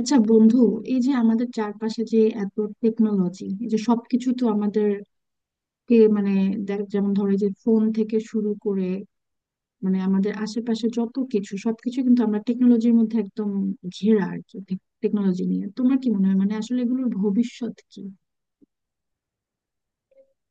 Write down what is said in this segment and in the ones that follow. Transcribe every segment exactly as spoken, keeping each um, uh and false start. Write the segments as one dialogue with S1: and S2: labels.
S1: আচ্ছা বন্ধু, এই যে আমাদের চারপাশে যে এত টেকনোলজি, এই যে সবকিছু তো আমাদেরকে মানে দেখ, যেমন ধরো এই যে ফোন থেকে শুরু করে মানে আমাদের আশেপাশে যত কিছু, সবকিছু কিন্তু আমরা টেকনোলজির মধ্যে একদম ঘেরা আর কি। টেকনোলজি নিয়ে তোমার কি মনে হয়, মানে আসলে এগুলোর ভবিষ্যৎ কি?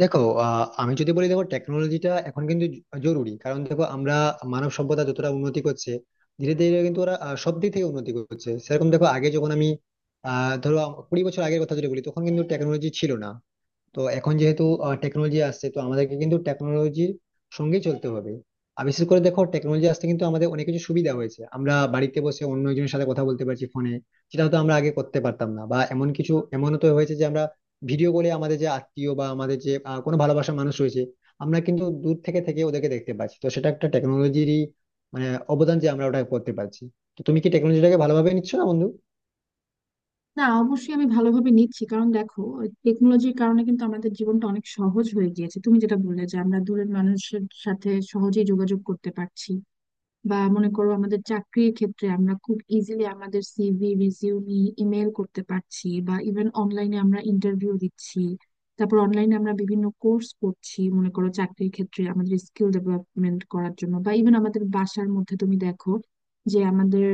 S2: দেখো, আহ, আমি যদি বলি, দেখো টেকনোলজিটা এখন কিন্তু জ- জরুরি, কারণ দেখো আমরা মানব সভ্যতা যতটা উন্নতি করছে ধীরে ধীরে, কিন্তু ওরা আহ, সব দিক থেকে উন্নতি করছে। সেরকম, দেখো, আগে যখন আমি আহ ধরো আম- কুড়ি বছর আগের কথা যদি বলি, তখন কিন্তু টেকনোলজি ছিল না। তো এখন যেহেতু টেকনোলজি আসছে, তো আমাদেরকে কিন্তু টেকনোলজির সঙ্গে চলতে হবে। আর বিশেষ করে দেখো, টেকনোলজি আসতে কিন্তু আমাদের অনেক কিছু সুবিধা হয়েছে। আমরা বাড়িতে বসে অন্য একজনের সাথে কথা বলতে পারছি ফোনে, যেটা হয়তো আমরা আগে করতে পারতাম না, বা এমন কিছু, এমনও তো হয়েছে যে আমরা ভিডিও কলে আমাদের যে আত্মীয় বা আমাদের যে আহ, কোনো ভালোবাসার মানুষ রয়েছে, আমরা কিন্তু দূর থেকে থেকে ওদেরকে দেখতে পাচ্ছি। তো সেটা একটা টেকনোলজিরই, মানে, অবদান, যে আমরা ওটা করতে পারছি। তো তুমি কি টেকনোলজিটাকে ভালোভাবে নিচ্ছ না, বন্ধু?
S1: না, অবশ্যই আমি ভালোভাবে নিচ্ছি, কারণ দেখো টেকনোলজির কারণে কিন্তু আমাদের জীবনটা অনেক সহজ হয়ে গিয়েছে। তুমি যেটা বললে যে আমরা দূরের মানুষের সাথে সহজেই যোগাযোগ করতে পারছি, বা মনে করো আমাদের চাকরির ক্ষেত্রে আমরা খুব ইজিলি আমাদের সিভি রিজিউমি ইমেল করতে পারছি, বা ইভেন অনলাইনে আমরা ইন্টারভিউ দিচ্ছি। তারপর অনলাইনে আমরা বিভিন্ন কোর্স করছি, মনে করো চাকরির ক্ষেত্রে আমাদের স্কিল ডেভেলপমেন্ট করার জন্য, বা ইভেন আমাদের বাসার মধ্যে তুমি দেখো যে আমাদের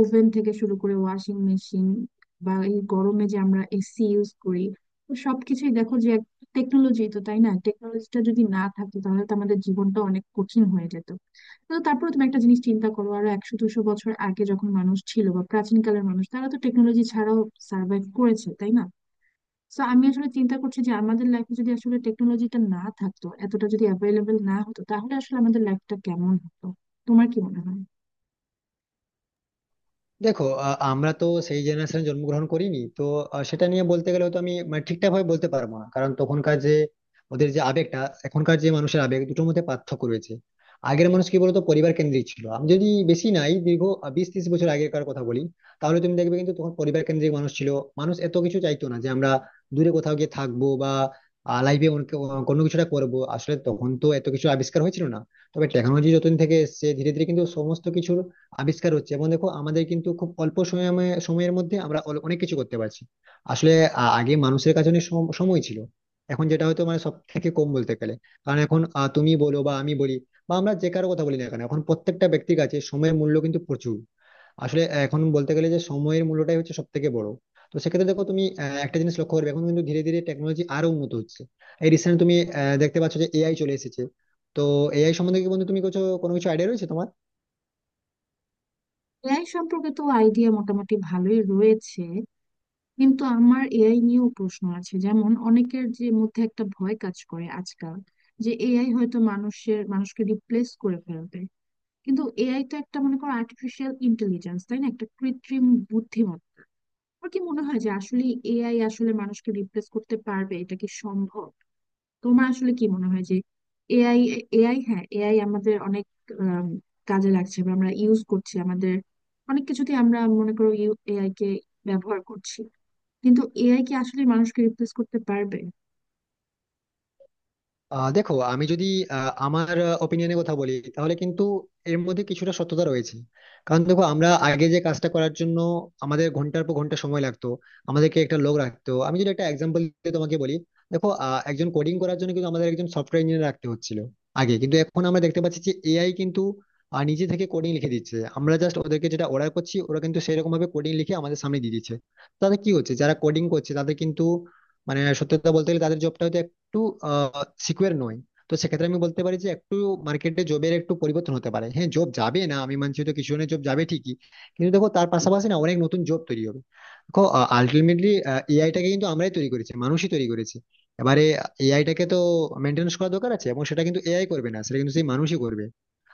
S1: ওভেন থেকে শুরু করে ওয়াশিং মেশিন, বা এই গরমে যে আমরা এসি ইউজ করি, তো সবকিছুই দেখো যে টেকনোলজি, তো তাই না? টেকনোলজিটা যদি না থাকতো তাহলে তো আমাদের জীবনটা অনেক কঠিন হয়ে যেত। তো তারপরে তুমি একটা জিনিস চিন্তা করো, আরো একশো দুশো বছর আগে যখন মানুষ ছিল, বা প্রাচীনকালের মানুষ, তারা তো টেকনোলজি ছাড়াও সার্ভাইভ করেছে, তাই না? তো আমি আসলে চিন্তা করছি যে আমাদের লাইফে যদি আসলে টেকনোলজিটা না থাকতো, এতটা যদি অ্যাভেলেবেল না হতো, তাহলে আসলে আমাদের লাইফটা কেমন হতো, তোমার কি মনে হয়?
S2: দেখো, আ- আমরা তো সেই জেনারেশনে জন্মগ্রহণ করিনি তো। আ, সেটা নিয়ে বলতে গেলে তো আমি, মানে, ঠিকঠাক ভাবে বলতে পারবো না, কারণ তখনকার যে, ওদের যে আবেগটা, এখনকার যে মানুষের আবেগ — দুটোর মধ্যে পার্থক্য রয়েছে। আগের মানুষ কি বলতো, পরিবার কেন্দ্রিক ছিল। আমি যদি বেশি নাই, দীর্ঘ, আ, বিশ ত্রিশ বছর আগেরকার কথা বলি, তাহলে তুমি দেখবে কিন্তু তখন পরিবার কেন্দ্রিক মানুষ ছিল। মানুষ এত কিছু চাইতো না, যে আমরা দূরে কোথাও গিয়ে থাকবো, বা লাইফে কোনো কিছুটা করবো। আসলে তখন তো এত কিছু আবিষ্কার হয়েছিল না। তবে টেকনোলজি যতদিন থেকে এসেছে, ধীরে ধীরে কিন্তু সমস্ত কিছুর আবিষ্কার হচ্ছে। এবং দেখো, আমাদের কিন্তু খুব অল্প সময়ে সময়ের মধ্যে আমরা অল- অনেক কিছু করতে পারছি। আসলে, আ- আগে মানুষের কাছে অনেক সম- সময় ছিল। এখন যেটা হয়তো, মানে, সব থেকে কম বলতে গেলে। কারণ এখন, আ, তুমি বলো বা আমি বলি বা আমরা যে কারো কথা বলি না কেন, এখন প্রত্যেকটা ব্যক্তির কাছে সময়ের মূল্য কিন্তু প্রচুর। আসলে এখন বলতে গেলে, যে সময়ের মূল্যটাই হচ্ছে সব থেকে বড়। তো সেক্ষেত্রে দেখো, তুমি আ, একটা জিনিস লক্ষ্য করবে, এখন কিন্তু ধীরে ধীরে টেকনোলজি আরো উন্নত হচ্ছে। এই রিসেন্ট তুমি আ, দেখতে পাচ্ছ যে এআই চলে এসেছে। তো, এআই সম্বন্ধে কি, বন্ধু, তুমি কিছু কোনো কিছু আইডিয়া রয়েছে তোমার?
S1: এআই সম্পর্কে তো আইডিয়া মোটামুটি ভালোই রয়েছে, কিন্তু আমার এআই নিয়েও প্রশ্ন আছে, যেমন অনেকের যে মধ্যে একটা ভয় কাজ করে আজকাল যে এআই হয়তো মানুষের মানুষকে রিপ্লেস করে ফেলবে। কিন্তু এআই তো একটা, মনে করো, আর্টিফিশিয়াল ইন্টেলিজেন্স, তাই না? একটা কৃত্রিম বুদ্ধিমত্তা। আমার কি মনে হয় যে আসলে এআই আসলে মানুষকে রিপ্লেস করতে পারবে, এটা কি সম্ভব? তোমার আসলে কি মনে হয় যে এআই, এআই, হ্যাঁ, এআই আমাদের অনেক আম, কাজে লাগছে, বা আমরা ইউজ করছি আমাদের অনেক কিছুতে, আমরা মনে করো এআই কে ব্যবহার করছি, কিন্তু এআই কি আসলে মানুষকে রিপ্লেস করতে পারবে?
S2: আহ দেখো, আমি যদি আহ, আমার ওপিনিয়নের কথা বলি, তাহলে কিন্তু এর মধ্যে কিছুটা সত্যতা রয়েছে। কারণ দেখো, আমরা আগে যে কাজটা করার জন্য আমাদের ঘন্টার পর ঘন্টা সময় লাগতো, আমাদেরকে একটা লোক রাখতো। আমি যদি একটা এক্সাম্পল দিয়ে তোমাকে বলি, দেখো, আহ, একজন কোডিং করার জন্য কিন্তু আমাদের একজন সফটওয়্যার ইঞ্জিনিয়ার রাখতে হচ্ছিল আগে। কিন্তু এখন আমরা দেখতে পাচ্ছি যে এআই কিন্তু আহ, নিজে থেকে কোডিং লিখে দিচ্ছে। আমরা জাস্ট ওদেরকে যেটা অর্ডার করছি, ওরা কিন্তু সেরকম ভাবে কোডিং লিখে আমাদের সামনে দিয়ে দিচ্ছে। তাতে কি হচ্ছে, যারা কোডিং করছে তাদের কিন্তু, মানে, সত্যি কথা বলতে গেলে, তাদের জবটা একটু সিকিউর নই। তো সেক্ষেত্রে আমি বলতে পারি যে একটু মার্কেটে জবের একটু পরিবর্তন হতে পারে। হ্যাঁ, জব যাবে না আমি মানছি, তো কিছু জনের জব যাবে ঠিকই, কিন্তু দেখো তার পাশাপাশি না, অনেক নতুন জব তৈরি হবে। দেখো, আলটিমেটলি এআইটাকে কিন্তু আমরাই তৈরি করেছি, মানুষই তৈরি করেছে। এবারে এআইটাকে তো মেনটেন্স করা দরকার আছে, এবং সেটা কিন্তু এআই করবে না, সেটা কিন্তু সেই মানুষই করবে।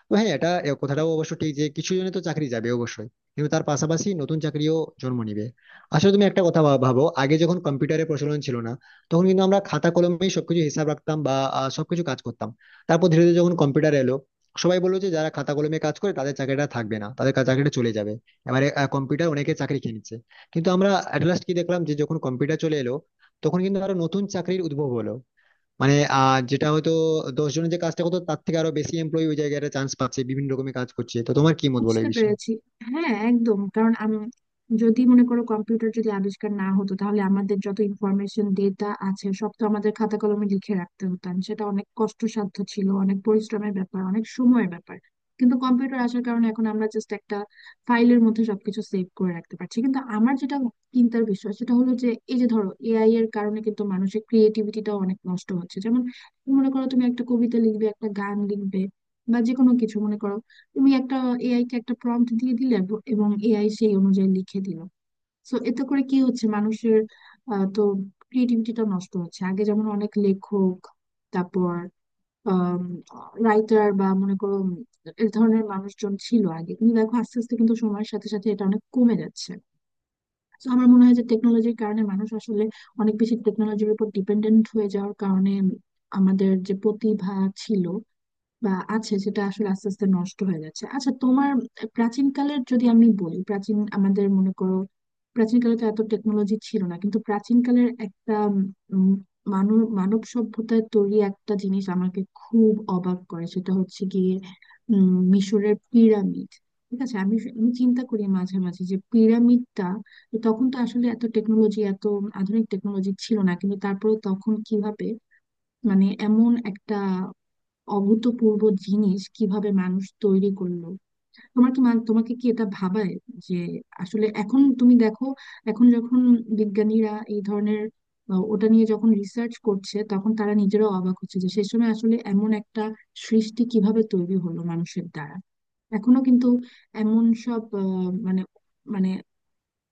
S2: তো হ্যাঁ, এটা এ কথাটাও অবশ্য ঠিক যে কিছু জনে তো চাকরি যাবে অবশ্যই, কিন্তু তার পাশাপাশি নতুন চাকরিও জন্ম নিবে। আসলে তুমি একটা কথা ভা- ভাবো — আগে যখন কম্পিউটারের প্রচলন ছিল না, তখন কিন্তু আমরা খাতা কলমেই সবকিছু হিসাব রাখতাম, বা আহ, সবকিছু কাজ করতাম। তারপর ধীরে ধীরে যখন কম্পিউটার এলো, সবাই বললো যে যারা খাতা কলমে কাজ করে তাদের চাকরিটা থাকবে না, তাদের কা- চাকরিটা চলে যাবে। এবারে কম্পিউটার অনেকে চাকরি কিনেছে, কিন্তু আমরা অ্যাট লাস্ট কি দেখলাম, যে যখন কম্পিউটার চলে এলো, তখন কিন্তু আরো নতুন চাকরির উদ্ভব হলো। মানে, আহ যেটা হয়তো দশ জনের যে কাজটা করতো, তার থেকে আরো বেশি এমপ্লয়ি ওই জায়গাটা চান্স পাচ্ছে, বিভিন্ন রকমের কাজ করছে। তো তোমার কি মত, বলো এই
S1: বুঝতে
S2: বিষয়ে?
S1: পেরেছি। হ্যাঁ, একদম, কারণ আমি যদি মনে করো, কম্পিউটার যদি আবিষ্কার না হতো তাহলে আমাদের যত ইনফরমেশন ডেটা আছে সব তো আমাদের খাতা কলমে লিখে রাখতে হতাম, সেটা অনেক কষ্টসাধ্য ছিল, অনেক পরিশ্রমের ব্যাপার, অনেক সময়ের ব্যাপার। কিন্তু কম্পিউটার আসার কারণে এখন আমরা জাস্ট একটা ফাইলের মধ্যে সবকিছু সেভ করে রাখতে পারছি। কিন্তু আমার যেটা চিন্তার বিষয় সেটা হলো যে এই যে ধরো এআই এর কারণে কিন্তু মানুষের ক্রিয়েটিভিটিটাও অনেক নষ্ট হচ্ছে। যেমন মনে করো তুমি একটা কবিতা লিখবে, একটা গান লিখবে, বা যে কোনো কিছু, মনে করো তুমি একটা এআই কে একটা প্রম্পট দিয়ে দিলে ব- এবং এআই সেই অনুযায়ী লিখে দিল। সো এতে করে কি হচ্ছে, মানুষের আহ, তো ক্রিয়েটিভিটিটা নষ্ট হচ্ছে। আগে যেমন অনেক লেখক, তারপর রাইটার, বা মনে করো উম, এ ধরনের মানুষজন ছিল আগে, কিন্তু দেখো আস্তে আস্তে কিন্তু সময়ের সাথে সাথে এটা অনেক কমে যাচ্ছে। তো আমার মনে হয় যে টেকনোলজির কারণে মানুষ আসলে অনেক বেশি টেকনোলজির উপর ডিপেন্ডেন্ট হয়ে যাওয়ার কারণে আমাদের যে প্রতিভা ছিল বা আছে সেটা আসলে আস্তে আস্তে নষ্ট হয়ে যাচ্ছে। আচ্ছা, তোমার, প্রাচীনকালের যদি আমি বলি, প্রাচীন আমাদের মনে করো, প্রাচীনকালে তো এত টেকনোলজি ছিল না, কিন্তু প্রাচীনকালের একটা মানব মানব সভ্যতায় তৈরি একটা জিনিস আমাকে খুব অবাক করে, সেটা হচ্ছে গিয়ে উম মিশরের পিরামিড। ঠিক আছে, আমি আমি চিন্তা করি মাঝে মাঝে যে পিরামিডটা, তখন তো আসলে এত টেকনোলজি, এত আধুনিক টেকনোলজি ছিল না, কিন্তু তারপরে তখন কিভাবে, মানে এমন একটা অভূতপূর্ব জিনিস কিভাবে মানুষ তৈরি করলো? তোমার কি মান- তোমাকে কি এটা ভাবায় যে আসলে এখন তুমি দেখো, এখন যখন বিজ্ঞানীরা এই ধরনের আহ, ওটা নিয়ে যখন রিসার্চ করছে তখন তারা নিজেরাও অবাক হচ্ছে যে সে সময় আসলে এমন একটা সৃষ্টি কিভাবে তৈরি হলো মানুষের দ্বারা। এখনো কিন্তু এমন সব আহ, মানে মানে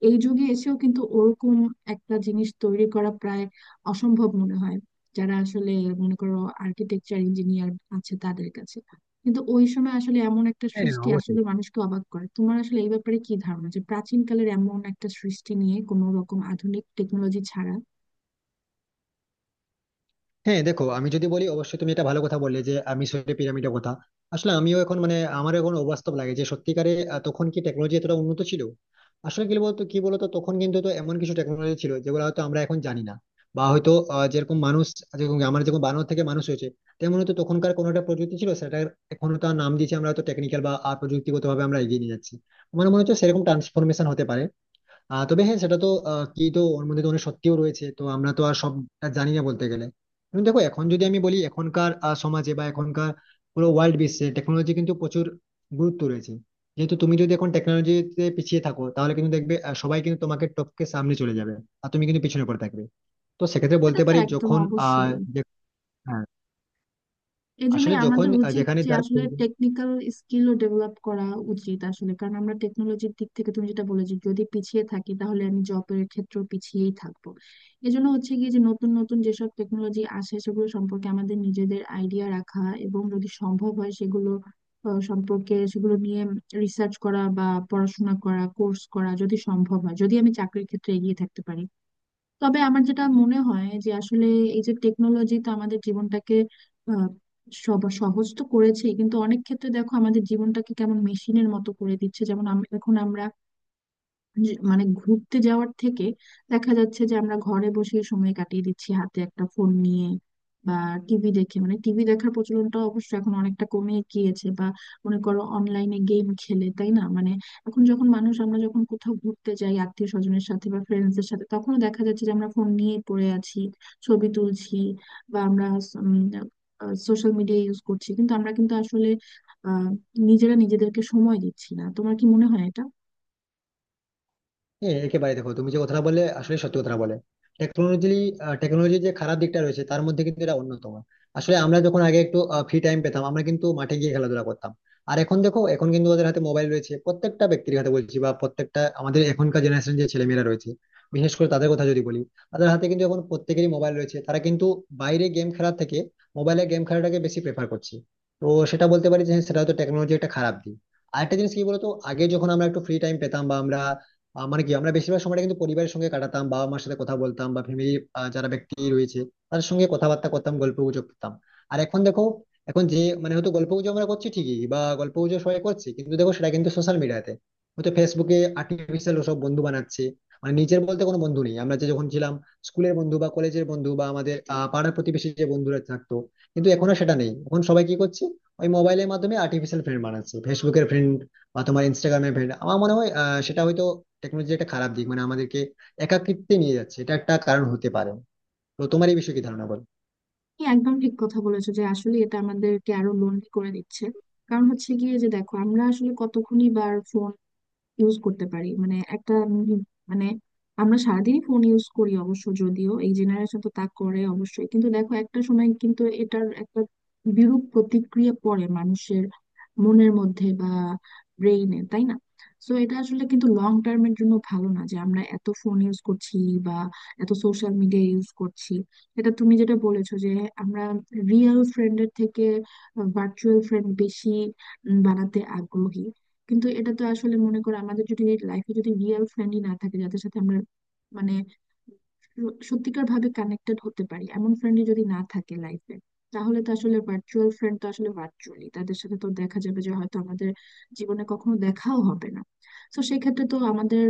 S1: এই যুগে এসেও কিন্তু ওরকম একটা জিনিস তৈরি করা প্রায় অসম্ভব মনে হয় যারা আসলে, মনে করো, আর্কিটেকচার ইঞ্জিনিয়ার আছে তাদের কাছে। কিন্তু ওই সময় আসলে এমন একটা
S2: হ্যাঁ,
S1: সৃষ্টি
S2: অবশ্যই।
S1: আসলে মানুষকে অবাক করে। তোমার আসলে এই ব্যাপারে কি ধারণা, যে প্রাচীন কালের এমন একটা সৃষ্টি নিয়ে, কোনো রকম আধুনিক টেকনোলজি ছাড়া?
S2: হ্যাঁ দেখো, আমি যদি বলি, অবশ্যই তুমি এটা ভালো কথা বললে, যে আমি মিশরের পিরামিডের কথা। আসলে আমিও এখন, মানে, আমার এখন অবাস্তব লাগে, যে সত্যিকারে আহ, তখন কি টেকনোলজি এতটা উন্নত ছিল? আসলে কি বলতো কি বলতো তখন কিন্তু তো এমন কিছু টেকনোলজি ছিল যেগুলো হয়তো আমরা এখন জানি না। বা হয়তো, আহ, যেরকম মানুষ যেরকম আমার যেরকম বানর থেকে মানুষ হয়েছে, তেমন হয়তো তখনকার কোনো একটা প্রযুক্তি ছিল সেটার, এখন তার নাম দিয়েছি আমরা হয়তো টেকনিক্যাল বা প্রযুক্তিগত ভাবে আমরা এগিয়ে নিয়ে যাচ্ছি। আমার মনে হচ্ছে সেরকম ট্রান্সফরমেশন হতে পারে। আহ তবে হ্যাঁ, সেটা তো, আহ, কি, তো ওর মধ্যে তো অনেক সত্যিও রয়েছে, তো আমরা তো আর সবটা জানি না বলতে গেলে। কিন্তু দেখো, এখন যদি আমি বলি, এখনকার আহ, সমাজে বা এখনকার পুরো ওয়ার্ল্ড বিশ্বে টেকনোলজি কিন্তু প্রচুর গুরুত্ব রয়েছে। যেহেতু তুমি যদি এখন টেকনোলজিতে পিছিয়ে থাকো, তাহলে কিন্তু দেখবে আহ, সবাই কিন্তু তোমাকে টপকে সামনে চলে যাবে, আর তুমি কিন্তু পিছনে পড়ে থাকবে। তো সেক্ষেত্রে
S1: এটা
S2: বলতে
S1: তো
S2: পারি,
S1: একদম
S2: যখন আহ
S1: অবশ্যই,
S2: যে- হ্যাঁ, আসলে
S1: এজন্যই
S2: যখন,
S1: আমাদের
S2: আহ,
S1: উচিত
S2: যেখানে
S1: যে
S2: যার।
S1: আসলে টেকনিক্যাল স্কিলও ডেভেলপ করা উচিত আসলে, কারণ আমরা টেকনোলজির দিক থেকে তুমি যেটা বলেছো যদি পিছিয়ে থাকি তাহলে আমি জবের ক্ষেত্রেও পিছিয়েই থাকবো। এজন্য হচ্ছে কি, যে নতুন নতুন যেসব টেকনোলজি আসে সেগুলো সম্পর্কে আমাদের নিজেদের আইডিয়া রাখা, এবং যদি সম্ভব হয় সেগুলো আহ, সম্পর্কে, সেগুলো নিয়ে রিসার্চ করা বা পড়াশোনা করা, কোর্স করা যদি সম্ভব হয়, যদি আমি চাকরির ক্ষেত্রে এগিয়ে থাকতে পারি। তবে আমার যেটা মনে হয় যে আসলে এই যে টেকনোলজি তো আমাদের জীবনটাকে আহ, সব সহজ তো করেছে, কিন্তু অনেক ক্ষেত্রে দেখো আমাদের জীবনটাকে কেমন মেশিনের মতো করে দিচ্ছে। যেমন আম- এখন আমরা যে- মানে ঘুরতে যাওয়ার থেকে দেখা যাচ্ছে যে আমরা ঘরে বসে সময় কাটিয়ে দিচ্ছি হাতে একটা ফোন নিয়ে, বা টিভি দেখে, মানে টিভি দেখার প্রচলনটা অবশ্য এখন অনেকটা কমে গিয়েছে, বা মনে করো অনলাইনে গেম খেলে, তাই না? মানে এখন যখন মানুষ, আমরা যখন কোথাও ঘুরতে যাই আত্মীয় স্বজনের সাথে বা ফ্রেন্ডসদের সাথে, তখনও দেখা যাচ্ছে যে আমরা ফোন নিয়ে পড়ে আছি, ছবি তুলছি, বা আমরা সোশ্যাল মিডিয়া ইউজ করছি, কিন্তু আমরা কিন্তু আসলে আহ নিজেরা নিজেদেরকে সময় দিচ্ছি না। তোমার কি মনে হয় এটা?
S2: হ্যাঁ একেবারে, দেখো তুমি যে কথাটা বলে আসলে সত্যি কথাটা বলে। টেকনোলজি টেকনোলজির যে খারাপ দিকটা রয়েছে, তার মধ্যে কিন্তু এটা অন্যতম। আসলে আমরা যখন আগে একটু ফ্রি টাইম পেতাম, আমরা কিন্তু মাঠে গিয়ে খেলাধুলা করতাম। আর এখন দেখো, এখন কিন্তু ওদের হাতে মোবাইল রয়েছে, প্রত্যেকটা ব্যক্তির হাতে বলছি, বা প্রত্যেকটা আমাদের এখনকার জেনারেশন যে ছেলেমেয়েরা রয়েছে, বিশেষ করে তাদের কথা যদি বলি, তাদের হাতে কিন্তু এখন প্রত্যেকেরই মোবাইল রয়েছে। তারা কিন্তু বাইরে গেম খেলার থেকে মোবাইলে গেম খেলাটাকে বেশি প্রেফার করছে। তো সেটা বলতে পারি যে হ্যাঁ, সেটা হয়তো টেকনোলজি একটা খারাপ দিক। আরেকটা জিনিস কি বলতো, আগে যখন আমরা একটু ফ্রি টাইম পেতাম, বা আমরা, আহ, মানে কি, আমরা বেশিরভাগ সময়টা কিন্তু পরিবারের সঙ্গে কাটাতাম, বাবা মার সাথে কথা বলতাম, বা ফ্যামিলি যারা ব্যক্তি রয়েছে, তাদের সঙ্গে কথাবার্তা করতাম, গল্প গুজব করতাম। আর এখন দেখো, এখন যে, মানে, হয়তো গল্প গুজব আমরা করছি ঠিকই, বা গল্প গুজব সবাই করছি, কিন্তু দেখো সেটা কিন্তু সোশ্যাল মিডিয়াতে, হয়তো ফেসবুকে আর্টিফিশিয়াল সব বন্ধু বানাচ্ছে। মানে নিজের বলতে কোনো বন্ধু নেই। আমরা যে যখন ছিলাম, স্কুলের বন্ধু বা কলেজের বন্ধু বা আমাদের আহ, পাড়ার প্রতিবেশী যে বন্ধুরা থাকতো, কিন্তু এখন আর সেটা নেই। এখন সবাই কি করছে, ওই মোবাইলের মাধ্যমে আর্টিফিশিয়াল ফ্রেন্ড বানাচ্ছে, ফেসবুকের ফ্রেন্ড বা তোমার ইনস্টাগ্রামের ফ্রেন্ড। আমার মনে হয় আহ, সেটা হয়তো টেকনোলজি একটা খারাপ দিক, মানে আমাদেরকে একাকিত্বে নিয়ে যাচ্ছে, এটা একটা কারণ হতে পারে। তো তোমার এই বিষয়ে কি ধারণা, বলো?
S1: তুমি একদম ঠিক কথা বলেছো যে আসলে এটা আমাদেরকে আরো লোনলি করে দিচ্ছে। ইউজ করতে পারি মানে একটা উম মানে আমরা সারাদিনই ফোন ইউজ করি অবশ্য, যদিও এই জেনারেশন তো তা করে অবশ্যই, কিন্তু দেখো একটা সময় কিন্তু এটার একটা বিরূপ প্রতিক্রিয়া পড়ে মানুষের মনের মধ্যে বা ব্রেইনে, তাই না? তো এটা আসলে কিন্তু লং টার্মের জন্য ভালো না যে আমরা এত ফোন ইউজ করছি বা এত সোশ্যাল মিডিয়া ইউজ করছি। এটা তুমি যেটা বলেছো যে আমরা রিয়েল ফ্রেন্ডের থেকে ভার্চুয়াল ফ্রেন্ড বেশি উম, বানাতে আগ্রহী। কিন্তু এটা তো আসলে, মনে করো, আমাদের যদি লাইফে যদি রিয়েল ফ্রেন্ডই না থাকে যাদের সাথে আমরা মানে সত্যিকার ভাবে কানেক্টেড হতে পারি, এমন ফ্রেন্ডই যদি না থাকে লাইফে, তাহলে তো আসলে ভার্চুয়াল ফ্রেন্ড, তো আসলে ভার্চুয়ালি তাদের সাথে তো দেখা যাবে যে হয়তো আমাদের জীবনে কখনো দেখাও হবে না। তো সেক্ষেত্রে তো আমাদের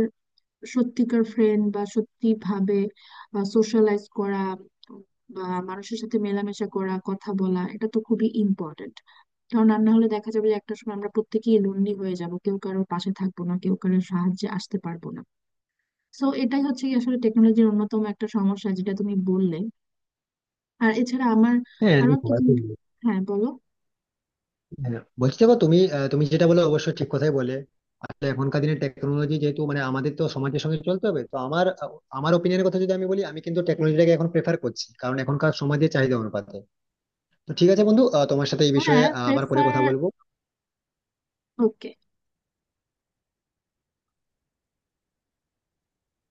S1: সত্যিকার ফ্রেন্ড বা সত্যি ভাবে সোশ্যালাইজ করা বা মানুষের সাথে মেলামেশা করা, কথা বলা, এটা তো খুবই ইম্পর্টেন্ট। কারণ রান্না হলে দেখা যাবে যে একটা সময় আমরা প্রত্যেকেই লোনলি হয়ে যাব, কেউ কারোর পাশে থাকবো না, কেউ কারোর সাহায্যে আসতে পারবো না। তো এটাই হচ্ছে কি আসলে টেকনোলজির অন্যতম একটা সমস্যা যেটা তুমি বললে। আর এছাড়া আমার
S2: হ্যাঁ
S1: আরো
S2: দেখো,
S1: একটা জিনিস।
S2: আসলে-
S1: হ্যাঁ, বলো।
S2: হ্যাঁ, বলছি, দেখো তুমি আহ, তুমি যেটা বলে অবশ্যই ঠিক কথাই বলে। আসলে এখনকার দিনে টেকনোলজি যেহেতু, মানে, আমাদের তো সমাজের সঙ্গে চলতে হবে, তো আমার আহ, আমার ওপিনিয়নের কথা যদি আমি বলি, আমি কিন্তু টেকনোলজিটাকে এখন প্রেফার করছি, কারণ এখনকার সমাজের চাহিদা অনুপাতে। তো ঠিক আছে বন্ধু, আহ, তোমার সাথে এই বিষয়ে
S1: হ্যাঁ,
S2: আহ, আবার পরে কথা
S1: প্রেফার।
S2: বলবো।
S1: ওকে।